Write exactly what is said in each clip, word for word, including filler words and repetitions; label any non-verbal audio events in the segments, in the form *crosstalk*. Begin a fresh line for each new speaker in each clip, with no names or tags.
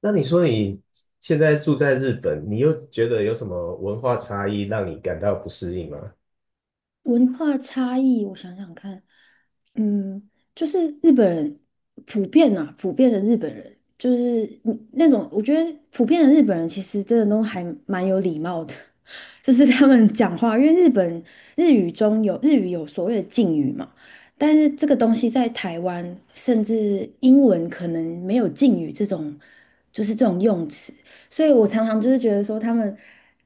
那你说你现在住在日本，你又觉得有什么文化差异让你感到不适应吗？
文化差异，我想想看，嗯，就是日本人普遍啊，普遍的日本人，就是嗯那种，我觉得普遍的日本人其实真的都还蛮有礼貌的，*laughs* 就是他们讲话，因为日本日语中有日语有所谓的敬语嘛，但是这个东西在台湾，甚至英文可能没有敬语这种，就是这种用词。所以我常常就是觉得说，他们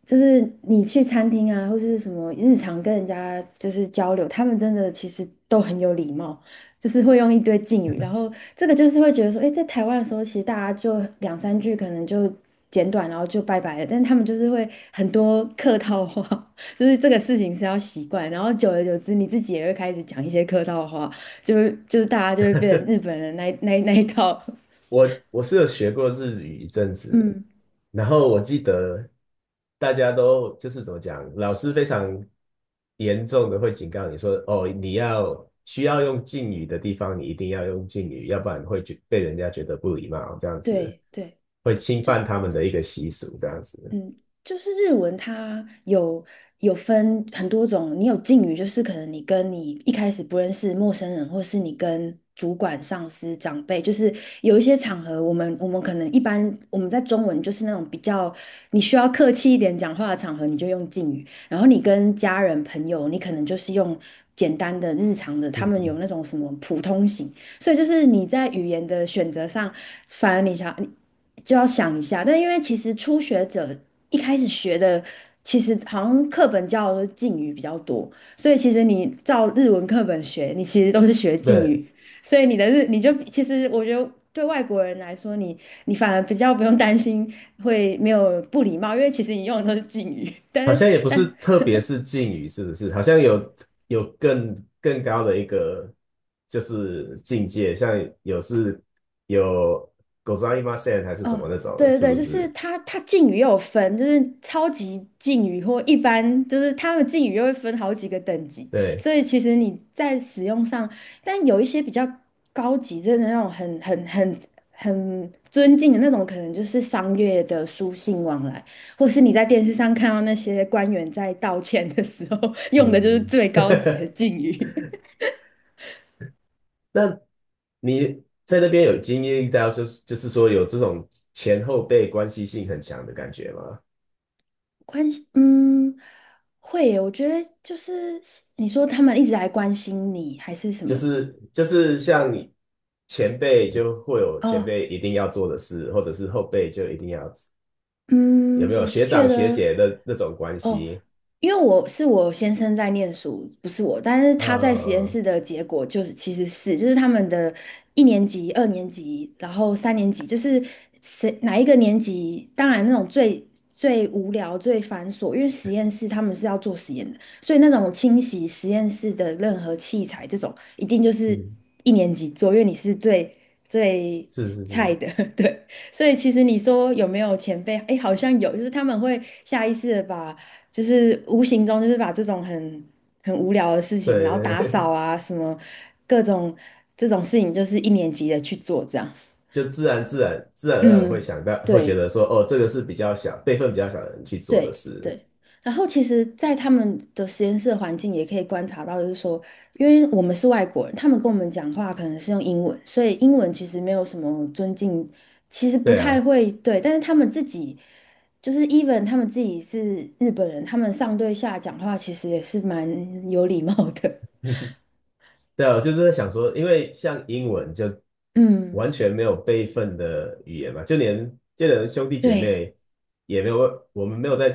就是你去餐厅啊，或是什么日常跟人家就是交流，他们真的其实都很有礼貌，就是会用一堆敬语。然后这个就是会觉得说，诶，在台湾的时候，其实大家就两三句可能就简短，然后就拜拜了。但他们就是会很多客套话，*laughs* 就是这个事情是要习惯。然后久而久之，你自己也会开始讲一些客套话，就是就是大家就会变成日本人那一那一那一套。*laughs*
我我是有学过日语一阵子，
嗯，
然后我记得大家都就是怎么讲，老师非常严重的会警告你说，哦，你要需要用敬语的地方，你一定要用敬语，要不然会觉被人家觉得不礼貌，这样子
对对。
会侵
就
犯
是。
他们的一个习俗，这样子。
嗯，就是日文它有有分很多种，你有敬语，就是可能你跟你一开始不认识陌生人，或是你跟主管、上司、长辈，就是有一些场合，我们我们可能一般我们在中文就是那种比较你需要客气一点讲话的场合，你就用敬语，然后你跟家人、朋友，你可能就是用简单的日常的，他
嗯
们有
嗯。
那种什么普通型。所以就是你在语言的选择上，反而你想你就要想一下。但因为其实初学者一开始学的，其实好像课本教的都是敬语比较多，所以其实你照日文课本学，你其实都是学敬
对，
语，所以你的日你就其实我觉得。对外国人来说，你你反而比较不用担心会没有不礼貌，因为其实你用的都是敬语。*laughs* 但
好
是
像也不是，
但
特别是敬语，是不是？好像有有更更高的一个就是境界，像有是有ございません还是什么
哦，
那种，
对对
是
对，
不
就是
是？
它，它敬语又有分，就是超级敬语或一般，就是他们敬语又会分好几个等级，
对。
所以其实你在使用上，但有一些比较高级，真的那种很很很很尊敬的那种，可能就是商业的书信往来，或是你在电视上看到那些官员在道歉的时候 *laughs* 用的就是
嗯。
最高级的
*laughs*
敬语。
那你在那边有经历到，就是就是说有这种前后辈关系性很强的感觉吗？
关心，嗯，会耶我觉得就是你说他们一直来关心你，还是什
就
么？
是就是像你前辈就会有前
哦，
辈一定要做的事，或者是后辈就一定要有
嗯，
没有
我是
学
觉
长学
得。
姐的那种关
哦，
系？
因为我是我先生在念书，不是我，但是他在实验
呃，
室的结果就是其实是就是他们的一年级、二年级，然后三年级，就是谁哪一个年级，当然那种最最无聊、最繁琐，因为实验室他们是要做实验的，所以那种清洗实验室的任何器材这种，一定就是
嗯，
一年级做，因为你是最最
是是
菜
是，
的，*laughs* 对。所以其实你说有没有前辈？哎，好像有，就是他们会下意识的把就是无形中就是把这种很很无聊的事情，
对
然后
对
打扫
对。
啊什么各种这种事情，就是一年级的去做这样。
*laughs* 就自然自然自然而然会
嗯，
想到，会觉
对。
得说，哦，这个是比较小辈分比较小的人去做的
对
事。
对，然后其实，在他们的实验室的环境也可以观察到，就是说，因为我们是外国人，他们跟我们讲话可能是用英文，所以英文其实没有什么尊敬，其实不
对啊。
太会对，但是他们自己就是 even 他们自己是日本人，他们上对下讲话其实也是蛮有礼貌的。
对啊，我就是在想说，因为像英文就
*laughs* 嗯，
完全没有辈分的语言嘛，就连就连兄弟姐
对
妹也没有，我们没有在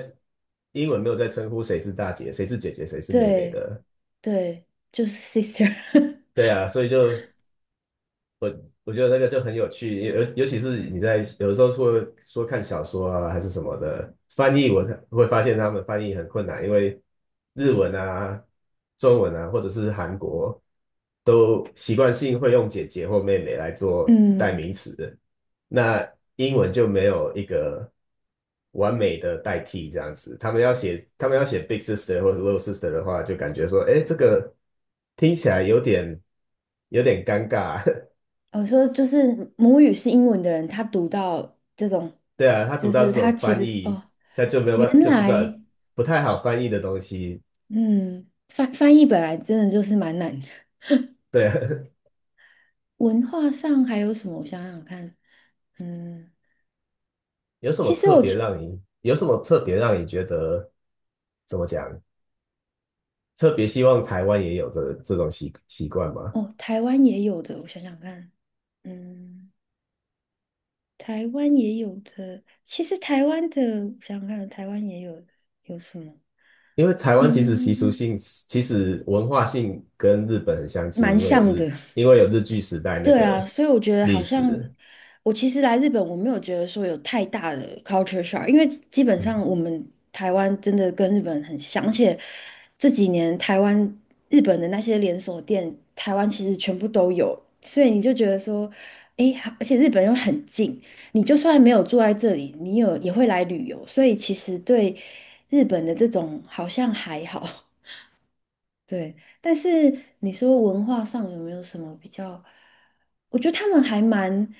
英文没有在称呼谁是大姐、谁是姐姐、谁是妹妹
对
的。
对，就是 sister，
对啊，所以就我我觉得那个就很有趣，尤尤其是你在有的时候说说看小说啊还是什么的翻译，我会发现他们翻译很困难，因为日文啊、中文啊，或者是韩国都习惯性会用姐姐或妹妹来
*laughs*
做代
嗯。
名词，那英文就没有一个完美的代替这样子。他们要写他们要写 big sister 或者 little sister 的话，就感觉说，哎，这个听起来有点有点尴尬。*laughs*
我说就是母语是英文的人，他读到这种，
对啊，他读
就
到
是
这
他
种
其
翻
实
译，
哦，
他就没有
原
办，就不知道
来
不太好翻译的东西。
嗯，翻翻译本来真的就是蛮难的。
对啊。
文化上还有什么？我想想看，嗯，
*laughs* 有什么
其实
特
我
别
觉
让你，有什么特别让你觉得怎么讲？特别希望台湾也有这这种习习惯吗？
哦，台湾也有的，我想想看，嗯，台湾也有的。其实台湾的，我想想看，台湾也有的有什么？
因为台湾其实习俗
嗯，
性，其实文化性跟日本很相近，
蛮
因为有
像
日，
的。
因为有日据时代那
对啊，
个
所以我觉得
历
好像
史。
我其实来日本，我没有觉得说有太大的 culture shock，因为基本
嗯
上我们台湾真的跟日本很像，而且这几年台湾日本的那些连锁店，台湾其实全部都有，所以你就觉得说，诶，好而且日本又很近，你就算没有住在这里，你有也会来旅游，所以其实对日本的这种好像还好。对，但是你说文化上有没有什么比较？我觉得他们还蛮，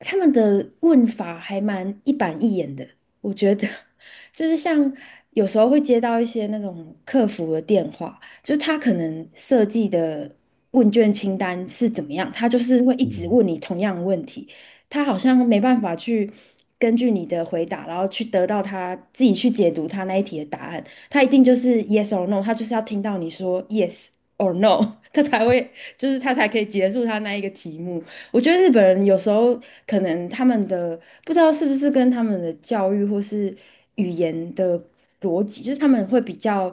他们的问法还蛮一板一眼的。我觉得 *laughs* 就是像有时候会接到一些那种客服的电话，就是他可能设计的问卷清单是怎么样，他就是会一直
嗯。
问你同样的问题，他好像没办法去根据你的回答，然后去得到他自己去解读他那一题的答案。他一定就是 yes or no，他就是要听到你说 yes or no，*laughs* 他才会，就是他才可以结束他那一个题目。我觉得日本人有时候可能他们的不知道是不是跟他们的教育或是语言的逻辑，就是他们会比较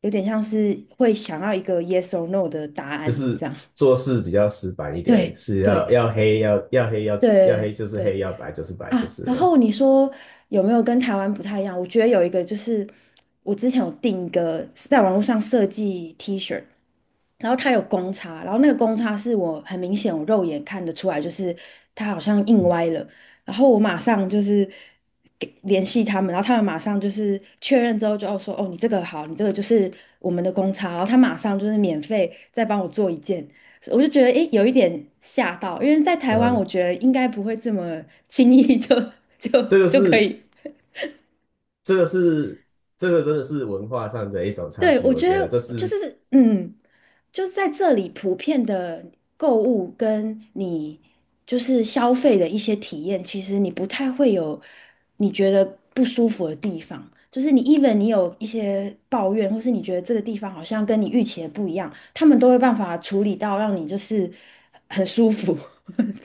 有点像是会想要一个 yes or no 的答
就
案
是
这样。
做事比较死板一
*laughs*
点，
对
是要
对
要黑要要黑要要黑
对
就是黑，
对。
要白就是白就
啊，
是
然
了。
后你说有没有跟台湾不太一样？我觉得有一个就是我之前有订一个是在网络上设计 T 恤，然后它有公差，然后那个公差是我很明显我肉眼看得出来，就是它好像印歪了，然后我马上就是给联系他们，然后他们马上就是确认之后就要说哦你这个好，你这个就是我们的公差，然后他马上就是免费再帮我做一件，我就觉得诶，有一点吓到，因为在台湾，
嗯，
我觉得应该不会这么 *laughs* 轻易就 *laughs* 就
这个
就可
是
以。
这个是这个真的是文化上的一种差
对，
距，
我
我
觉
觉得这
得就
是
是嗯，就是在这里普遍的购物跟你就是消费的一些体验，其实你不太会有你觉得不舒服的地方。就是你，even 你有一些抱怨，或是你觉得这个地方好像跟你预期的不一样，他们都会办法处理到让你就是很舒服。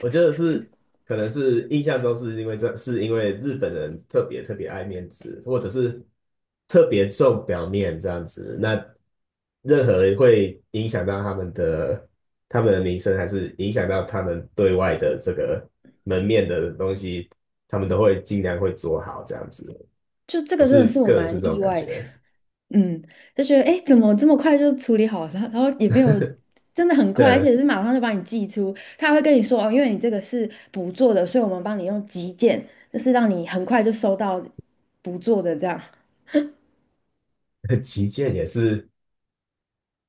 我觉 得是可能是印象中是因为这是因为日本人特别特别爱面子，或者是特别重表面这样子，那任何会影响到他们的他们的名声，还是影响到他们对外的这个门面的东西，他们都会尽量会做好这样子，
就这
我
个真
是
的是我
个人
蛮
是这
意
种感
外的，
觉。
嗯，就觉得哎，诶怎么这么快就处理好了？然后也没有真的很快，而且
的
是马上就把你寄出，他还会跟你说哦，因为你这个是补做的，所以我们帮你用急件，就是让你很快就收到补做的这样。
旗舰也是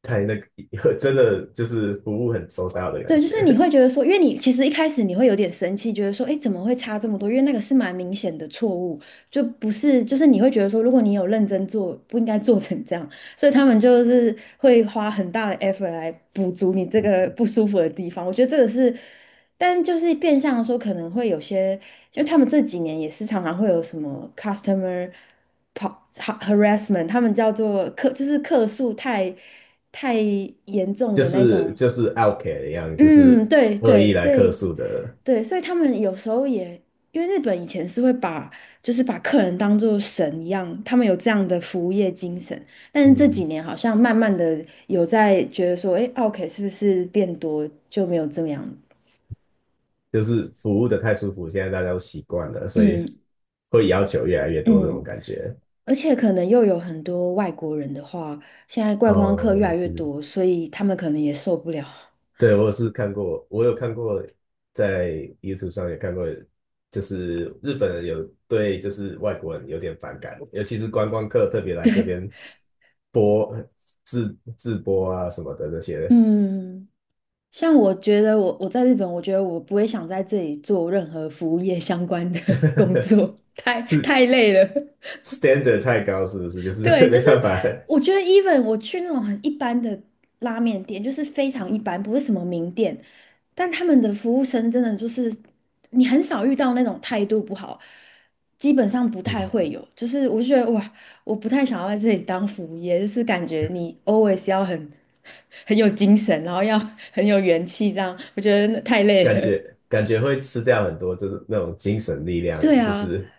太那个，*laughs* 真的就是服务很周到的感
对，就是你
觉。
会觉得说，因为你其实一开始你会有点生气，觉得说，哎，怎么会差这么多？因为那个是蛮明显的错误，就不是，就是你会觉得说，如果你有认真做，不应该做成这样。所以他们就是会花很大的 effort 来补足你这个不舒服的地方。我觉得这个是，但就是变相地说，可能会有些，就他们这几年也是常常会有什么 customer pa- ha- harassment，他们叫做客，就是客诉太太严
*laughs*
重
就
的那
是
种。
就是 Outcast 一样，就是
嗯，对
恶意
对，
来
所
客
以
诉的。
对，所以他们有时候也，因为日本以前是会把就是把客人当做神一样，他们有这样的服务业精神，但是这几
嗯，
年好像慢慢的有在觉得说，哎，OK 是不是变多就没有这么样？
就是服务的太舒服，现在大家都习惯了，所以
嗯
会要求越来越多这种
嗯，
感觉。
而且可能又有很多外国人的话，现在观光客
哦，
越
也
来越
是。
多，所以他们可能也受不了。
对，我是看过，我有看过，在 YouTube 上也看过，就是日本人有对就是外国人有点反感，尤其是观光客特别来这边播自自播啊什么的这些。
嗯。像我觉得我我在日本，我觉得我不会想在这里做任何服务业相关的 *laughs* 工
*laughs*
作，*laughs* 太
是
太累了。
standard 太高，是不是？就
对，
是 *laughs*
就
没
是
办法。
我觉得，even 我去那种很一般的拉面店，就是非常一般，不是什么名店，但他们的服务生真的就是你很少遇到那种态度不好，基本上不太
嗯，
会有。就是我就觉得哇，我不太想要在这里当服务业，就是感觉你 always 要很 *laughs* 很有精神，然后要很有元气，这样我觉得那太累
感
了。
觉感觉会吃掉很多，就是那种精神力
*laughs*
量，
对
就
啊，
是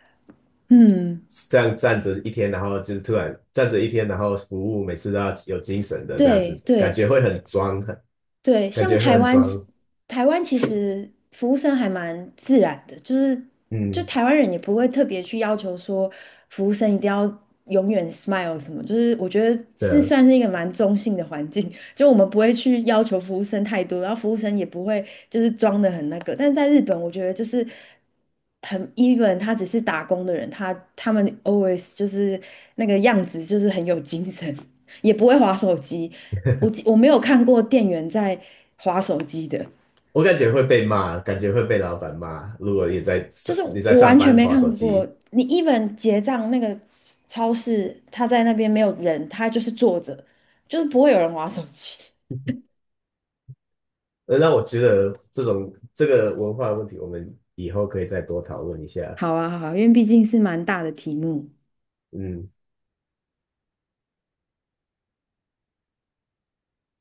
嗯，
这样站着一天，然后就是突然站着一天，然后服务每次都要有精神的这样子，
对
感
对。
觉会很装，很
对，
感
像
觉会
台
很
湾其，
装。
台湾其实服务生还蛮自然的，就是就
嗯，
台湾人也不会特别去要求说服务生一定要永远 smile 什么，就是我觉得
对
是
啊，
算是一个蛮中性的环境，*laughs* 就我们不会去要求服务生太多，然后服务生也不会就是装的很那个，但在日本，我觉得就是很 even，他只是打工的人，他他们 always 就是那个样子，就是很有精神。也不会划手机。我记我没有看过店员在划手机的，
我感觉会被骂，感觉会被老板骂。如果你在上
就是
你在
我
上
完全
班
没
划手
看过。
机，
你 even 结账那个超市，他在那边没有人，他就是坐着，就是不会有人划手机。*laughs*
呃那我觉得这种这个文化问题，我们以后可以再多讨论一下。
好啊，好啊，因为毕竟是蛮大的题目。
嗯。